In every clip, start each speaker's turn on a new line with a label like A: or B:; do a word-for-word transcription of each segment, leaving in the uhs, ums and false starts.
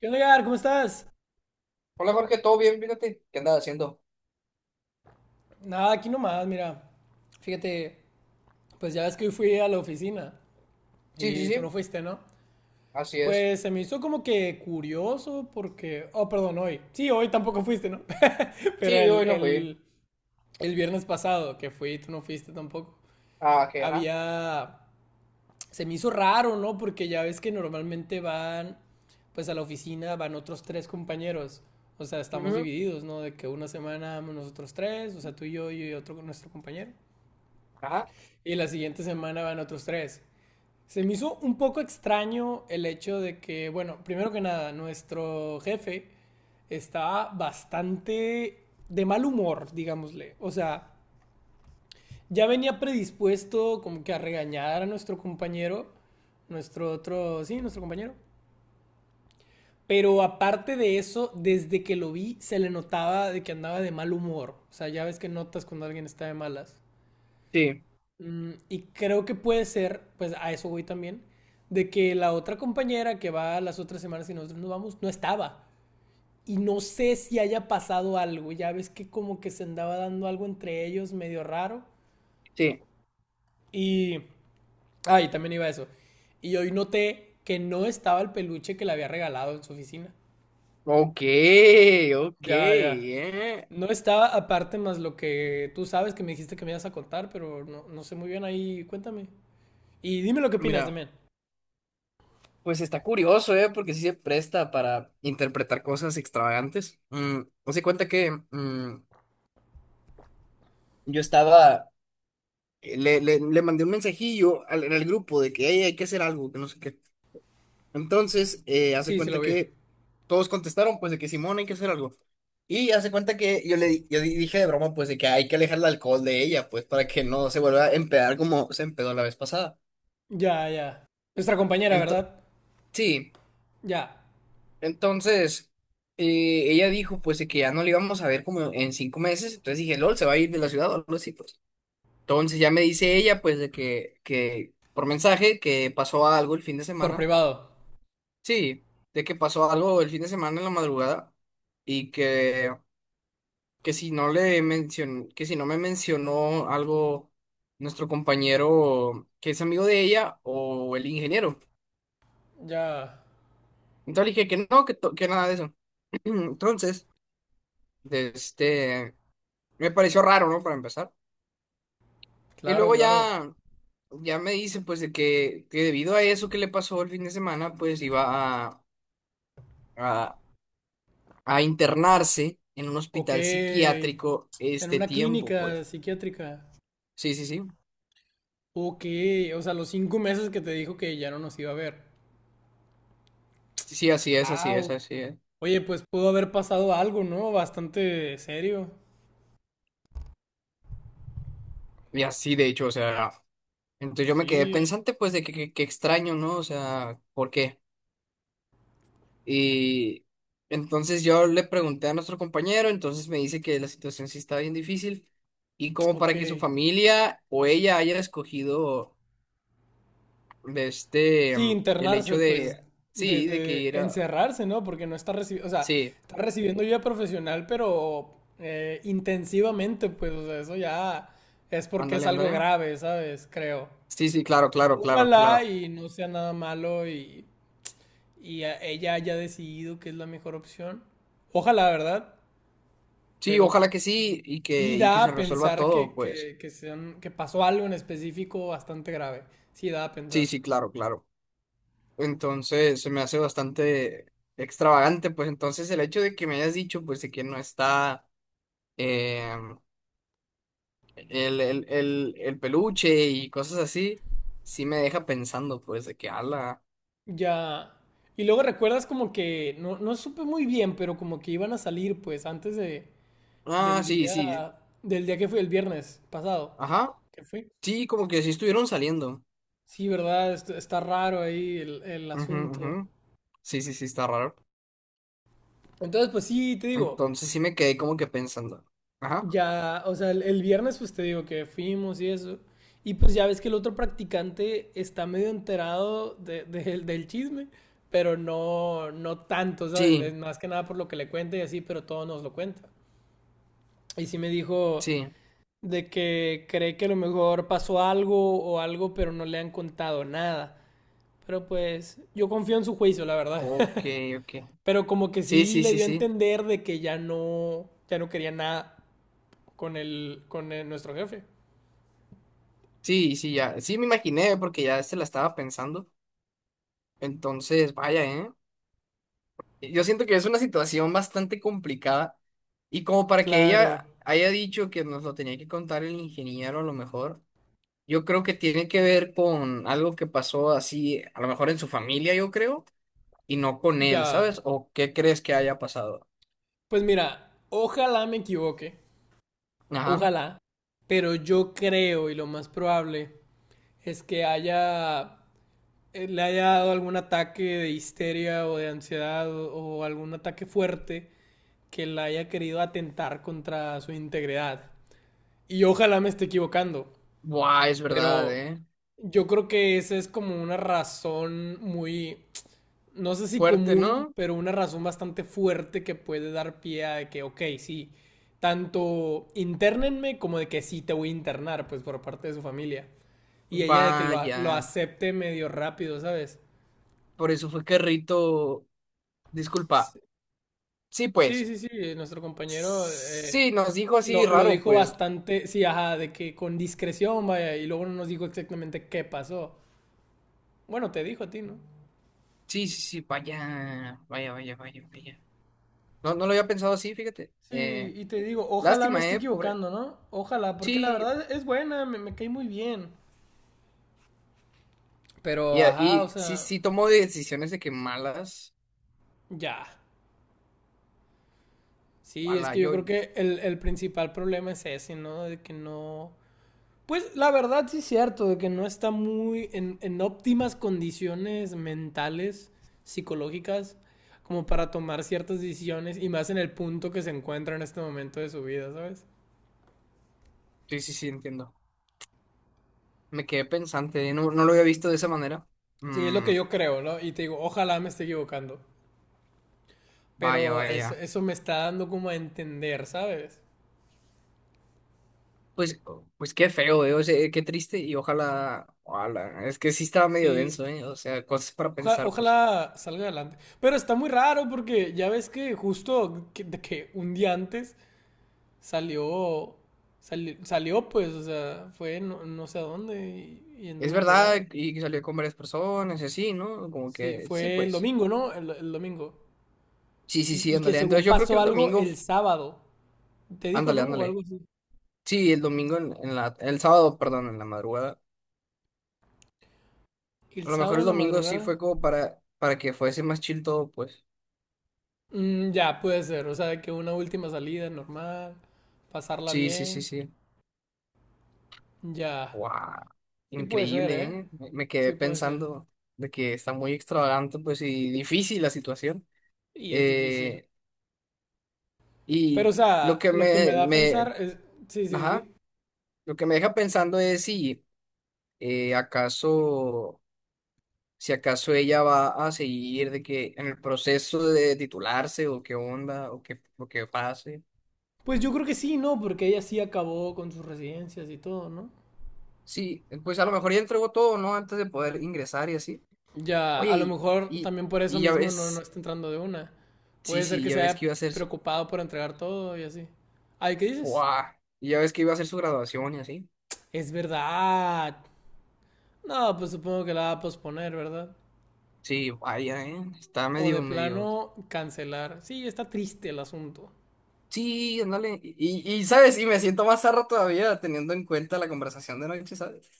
A: ¿Qué onda, Gar? ¿Cómo estás?
B: Hola Jorge, ¿todo bien? Fíjate, ¿qué andas haciendo?
A: Nada, aquí nomás, mira. Fíjate, pues ya ves que hoy fui a la oficina
B: Sí, sí,
A: y tú no
B: sí,
A: fuiste, ¿no?
B: así es.
A: Pues se me hizo como que curioso porque... Oh, perdón, hoy. Sí, hoy tampoco fuiste, ¿no? Pero
B: Sí,
A: el,
B: hoy no fui.
A: el, el viernes pasado que fui, tú no fuiste tampoco.
B: Ah, que, ajá.
A: Había... Se me hizo raro, ¿no? Porque ya ves que normalmente van, pues a la oficina van otros tres compañeros. O sea, estamos
B: Ujú,
A: divididos, ¿no? De que una semana nosotros tres, o sea, tú y yo y otro nuestro compañero.
B: ajá.
A: Y la siguiente semana van otros tres. Se me hizo un poco extraño el hecho de que, bueno, primero que nada, nuestro jefe estaba bastante de mal humor, digámosle. O sea, ya venía predispuesto como que a regañar a nuestro compañero, nuestro otro, sí, nuestro compañero. Pero aparte de eso, desde que lo vi se le notaba de que andaba de mal humor. O sea, ya ves que notas cuando alguien está de malas.
B: Sí,
A: Mm, y creo que puede ser, pues a eso voy también, de que la otra compañera que va las otras semanas y nosotros nos vamos, no estaba. Y no sé si haya pasado algo. Ya ves que como que se andaba dando algo entre ellos medio raro.
B: sí.
A: Y... Ah, y también iba eso. Y hoy noté que no estaba el peluche que le había regalado en su oficina.
B: Ok, ok,
A: Ya, ya.
B: eh.
A: No estaba aparte más lo que tú sabes que me dijiste que me ibas a contar, pero no, no sé muy bien ahí. Cuéntame. Y dime lo que opinas
B: Mira,
A: también.
B: pues está curioso, ¿eh? Porque sí se presta para interpretar cosas extravagantes. Mm, hace cuenta que mm, yo estaba, eh, le, le, le mandé un mensajillo al, en el grupo de que "Ey, hay que hacer algo, que no sé qué". Entonces, eh, hace
A: Sí, sí lo
B: cuenta
A: vi.
B: que todos contestaron, pues, de que simón, hay que hacer algo. Y hace cuenta que yo le di- yo di- dije de broma, pues, de que hay que alejar el alcohol de ella, pues, para que no se vuelva a empedar como se empedó la vez pasada.
A: Ya, ya. Nuestra compañera,
B: Ento-
A: ¿verdad?
B: sí,
A: Ya.
B: entonces, eh, ella dijo, pues, de que ya no le íbamos a ver como en cinco meses. Entonces dije, LOL, se va a ir de la ciudad o algo así, pues. Entonces ya me dice ella, pues, de que, que por mensaje, que pasó algo el fin de
A: Por
B: semana.
A: privado.
B: Sí, de que pasó algo el fin de semana en la madrugada y que, que si no le mencionó, que si no me mencionó algo nuestro compañero que es amigo de ella o el ingeniero.
A: Ya.
B: Entonces le dije que no, que, to- que nada de eso. Entonces, de este, me pareció raro, ¿no? Para empezar. Y
A: Claro,
B: luego
A: claro.
B: ya, ya me dice pues de que, que debido a eso que le pasó el fin de semana, pues iba a, a, a internarse en un
A: Ok.
B: hospital psiquiátrico
A: En
B: este
A: una
B: tiempo,
A: clínica
B: pues.
A: psiquiátrica.
B: Sí, sí, sí.
A: Ok. O sea, los cinco meses que te dijo que ya no nos iba a ver.
B: Sí, así es, así es,
A: Wow.
B: así es.
A: Oye, pues pudo haber pasado algo, ¿no? Bastante serio.
B: Y así, de hecho, o sea, entonces yo me quedé
A: Sí.
B: pensante, pues, de que, que- que extraño, ¿no? O sea, ¿por qué? Y entonces yo le pregunté a nuestro compañero, entonces me dice que la situación sí está bien difícil y como
A: Ok.
B: para que su familia o ella haya escogido de este,
A: Sí,
B: el hecho
A: internarse,
B: de,
A: pues, de,
B: sí, de que
A: de
B: ir a,
A: encerrarse, ¿no? Porque no está recibiendo, o sea,
B: sí,
A: está recibiendo ayuda profesional, pero eh, intensivamente, pues, o sea, eso ya es porque es
B: ándale,
A: algo
B: ándale.
A: grave, ¿sabes? Creo.
B: Sí, sí, claro, claro, claro,
A: Ojalá
B: claro.
A: y no sea nada malo y, y a- ella haya decidido que es la mejor opción. Ojalá, ¿verdad?
B: Sí,
A: Pero
B: ojalá que sí y
A: sí
B: que, y que
A: da
B: se
A: a
B: resuelva
A: pensar
B: todo,
A: que,
B: pues.
A: que, que, sean, que pasó algo en específico bastante grave. Sí da a
B: Sí,
A: pensar.
B: sí, claro, claro. Entonces, se me hace bastante extravagante, pues entonces el hecho de que me hayas dicho, pues, de que no está, eh, el, el, el, el peluche y cosas así, sí me deja pensando, pues, de que ala.
A: Ya. Y luego recuerdas como que, no, no supe muy bien, pero como que iban a salir pues antes de,
B: Ah,
A: del
B: sí,
A: día,
B: sí.
A: del día que fue el viernes pasado.
B: Ajá.
A: ¿Qué fue?
B: Sí, como que sí estuvieron saliendo.
A: Sí, ¿verdad? Est- Está raro ahí el, el
B: Ujú, ujú.
A: asunto.
B: Sí, sí, sí, está raro.
A: Entonces, pues sí, te digo,
B: Entonces sí me quedé como que pensando. Ajá.
A: ya, o sea, el, el viernes pues te digo que fuimos y eso. Y pues ya ves que el otro practicante está medio enterado de- de- del del chisme, pero no, no tanto, ¿sabes? Es
B: Sí,
A: más que nada por lo que le cuenta y así, pero todo nos lo cuenta. Y sí me dijo
B: sí.
A: de que cree que a lo mejor pasó algo o algo, pero no le han contado nada. Pero pues yo confío en su juicio, la verdad.
B: Ok, ok.
A: Pero como que
B: Sí,
A: sí
B: sí,
A: le
B: sí,
A: dio a
B: sí.
A: entender de que ya no, ya no quería nada con el, con el- nuestro jefe.
B: Sí, sí, ya. Sí, me imaginé porque ya se la estaba pensando. Entonces, vaya, ¿eh? Yo siento que es una situación bastante complicada. Y como para que
A: Claro.
B: ella haya dicho que nos lo tenía que contar el ingeniero, a lo mejor, yo creo que tiene que ver con algo que pasó así, a lo mejor en su familia, yo creo, y no con él,
A: Ya.
B: ¿sabes? ¿O qué crees que haya pasado?
A: Pues mira, ojalá me equivoque.
B: Ajá.
A: Ojalá. Pero yo creo y lo más probable es que haya eh, le haya dado algún ataque de histeria o de ansiedad o, o algún ataque fuerte que la haya querido atentar contra su integridad. Y ojalá me esté equivocando,
B: Buah, es verdad,
A: pero
B: ¿eh?
A: yo creo que esa es como una razón muy, no sé si
B: Fuerte,
A: común,
B: ¿no?
A: pero una razón bastante fuerte que puede dar pie a que, ok, sí, tanto internenme como de que sí te voy a internar, pues por parte de su familia. Y ella de que lo,
B: Vaya.
A: lo acepte medio rápido, ¿sabes?
B: Por eso fue que Rito. Disculpa. Sí,
A: Sí,
B: pues.
A: sí, sí, eh, nuestro compañero eh,
B: Sí, nos dijo así
A: lo, lo
B: raro,
A: dijo
B: pues.
A: bastante, sí, ajá, de que con discreción, vaya, y luego no nos dijo exactamente qué pasó. Bueno, te dijo a ti, ¿no?
B: Sí, sí, sí, vaya, vaya, vaya, vaya, vaya. No, no lo había pensado así, fíjate.
A: Sí,
B: Eh,
A: y te digo, ojalá me
B: lástima,
A: esté
B: eh, pobre.
A: equivocando, ¿no? Ojalá, porque la
B: Sí,
A: verdad es buena, me, me cae muy bien. Pero,
B: y,
A: ajá, o
B: y sí,
A: sea,
B: sí tomó decisiones de que malas.
A: ya. Sí, es
B: Ala,
A: que yo
B: yo,
A: creo que el, el principal problema es ese, ¿no? De que no, pues la verdad sí es cierto, de que no está muy en, en óptimas condiciones mentales, psicológicas, como para tomar ciertas decisiones y más en el punto que se encuentra en este momento de su vida, ¿sabes?
B: sí, sí, sí, entiendo. Me quedé pensante, no, no lo había visto de esa manera.
A: Sí, es lo
B: Mm,
A: que yo creo, ¿no? Y te digo, ojalá me esté equivocando,
B: vaya,
A: pero es-
B: vaya.
A: eso me está dando como a entender, ¿sabes?
B: Pues, pues qué feo, eh, o sea, qué triste y ojalá, ojalá. Es que sí estaba medio
A: Sí,
B: denso, eh, o sea, cosas para
A: oja-
B: pensar, pues.
A: ojalá salga adelante. Pero está muy raro porque ya ves que justo que- de que un día antes salió, sali- salió pues, o sea, fue no, no sé a dónde y, y
B: Es
A: anduvo por ahí.
B: verdad, y que salió con varias personas y así, ¿no? Como
A: Sí,
B: que sí,
A: fue el
B: pues.
A: domingo, ¿no? El, el domingo.
B: Sí, sí,
A: Y,
B: sí,
A: y que
B: ándale. Entonces
A: según
B: yo creo que
A: pasó
B: el
A: algo
B: domingo,
A: el
B: f-
A: sábado. ¿Te dijo,
B: Ándale,
A: no? O algo
B: ándale.
A: así.
B: Sí, el domingo en, en la, el sábado, perdón, en la madrugada.
A: El
B: A lo mejor
A: sábado
B: el
A: en la
B: domingo sí
A: madrugada.
B: fue como para, para que fuese más chill todo, pues.
A: Mm, ya, puede ser. O sea, que una última salida normal, pasarla
B: Sí, sí, sí,
A: bien.
B: sí.
A: Ya.
B: Wow.
A: Sí puede ser,
B: Increíble,
A: ¿eh?
B: ¿eh? Me, me quedé
A: Sí puede ser.
B: pensando de que está muy extravagante, pues, y difícil la situación.
A: Y es difícil.
B: Eh,
A: Pero,
B: y
A: o
B: lo
A: sea,
B: que
A: lo que me
B: me,
A: da a pensar
B: me,
A: es... Sí, sí,
B: ajá,
A: sí.
B: lo que me deja pensando es si eh, acaso, si acaso ella va a seguir de que en el proceso de titularse o qué onda o qué, o qué pase.
A: Pues yo creo que sí, ¿no? Porque ella sí acabó con sus residencias y todo, ¿no?
B: Sí, pues a lo mejor ya entregó todo, ¿no? Antes de poder ingresar y así.
A: Ya,
B: Oye,
A: a lo
B: y,
A: mejor también
B: y,
A: por eso
B: y ya
A: mismo no, no
B: ves,
A: está entrando de una.
B: sí,
A: Puede ser
B: sí,
A: que
B: ya
A: se
B: ves que
A: haya
B: iba a ser su,
A: preocupado por entregar todo y así. Ay, ¿qué dices?
B: guau. Y ya ves que iba a ser su graduación y así.
A: Es verdad. No, pues supongo que la va a posponer, ¿verdad?
B: Sí, vaya, ¿eh? Está
A: O de
B: medio, medio.
A: plano cancelar. Sí, está triste el asunto.
B: Sí, ándale. Y, y, y, ¿sabes? Y me siento más zarra todavía teniendo en cuenta la conversación de noche, ¿sabes?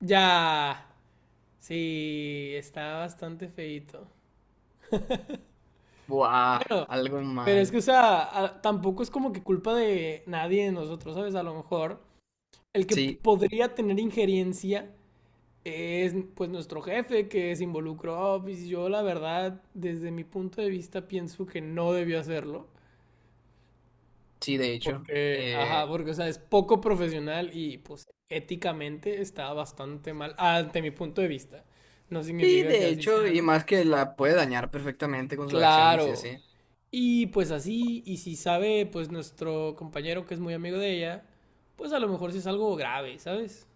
A: Ya. Sí, está bastante feito.
B: Buah,
A: Bueno,
B: algo
A: pero
B: mal.
A: es que, o sea, a- tampoco es como que culpa de nadie de nosotros, ¿sabes? A lo mejor el que
B: Sí,
A: podría tener injerencia es pues nuestro jefe que se involucró. Pues, yo la verdad, desde mi punto de vista, pienso que no debió hacerlo.
B: sí, de hecho.
A: Porque, ajá,
B: Eh,
A: porque, o sea, es poco profesional y pues éticamente está bastante mal, ante mi punto de vista. No
B: sí,
A: significa que
B: de
A: así
B: hecho,
A: sea,
B: y
A: ¿no?
B: más que la puede dañar perfectamente con sus acciones y
A: Claro.
B: así.
A: Y pues así, y si sabe, pues nuestro compañero que es muy amigo de ella, pues a lo mejor sí es algo grave, ¿sabes?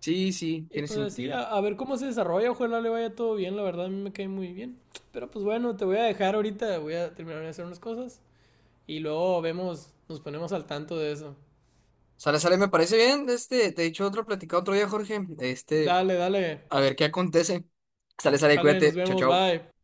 B: Sí, sí,
A: Y
B: tiene
A: pues así,
B: sentido.
A: a, a ver cómo se desarrolla, ojalá le vaya todo bien, la verdad a mí me cae muy bien. Pero pues bueno, te voy a dejar ahorita, voy a terminar de hacer unas cosas y luego vemos, nos ponemos al tanto de eso.
B: Sale, sale, me parece bien. Este, te he dicho otro, platicado otro día, Jorge. Este,
A: Dale, dale,
B: a ver qué acontece. Sale, sale,
A: sale, nos
B: cuídate. Chao,
A: vemos,
B: chao.
A: bye.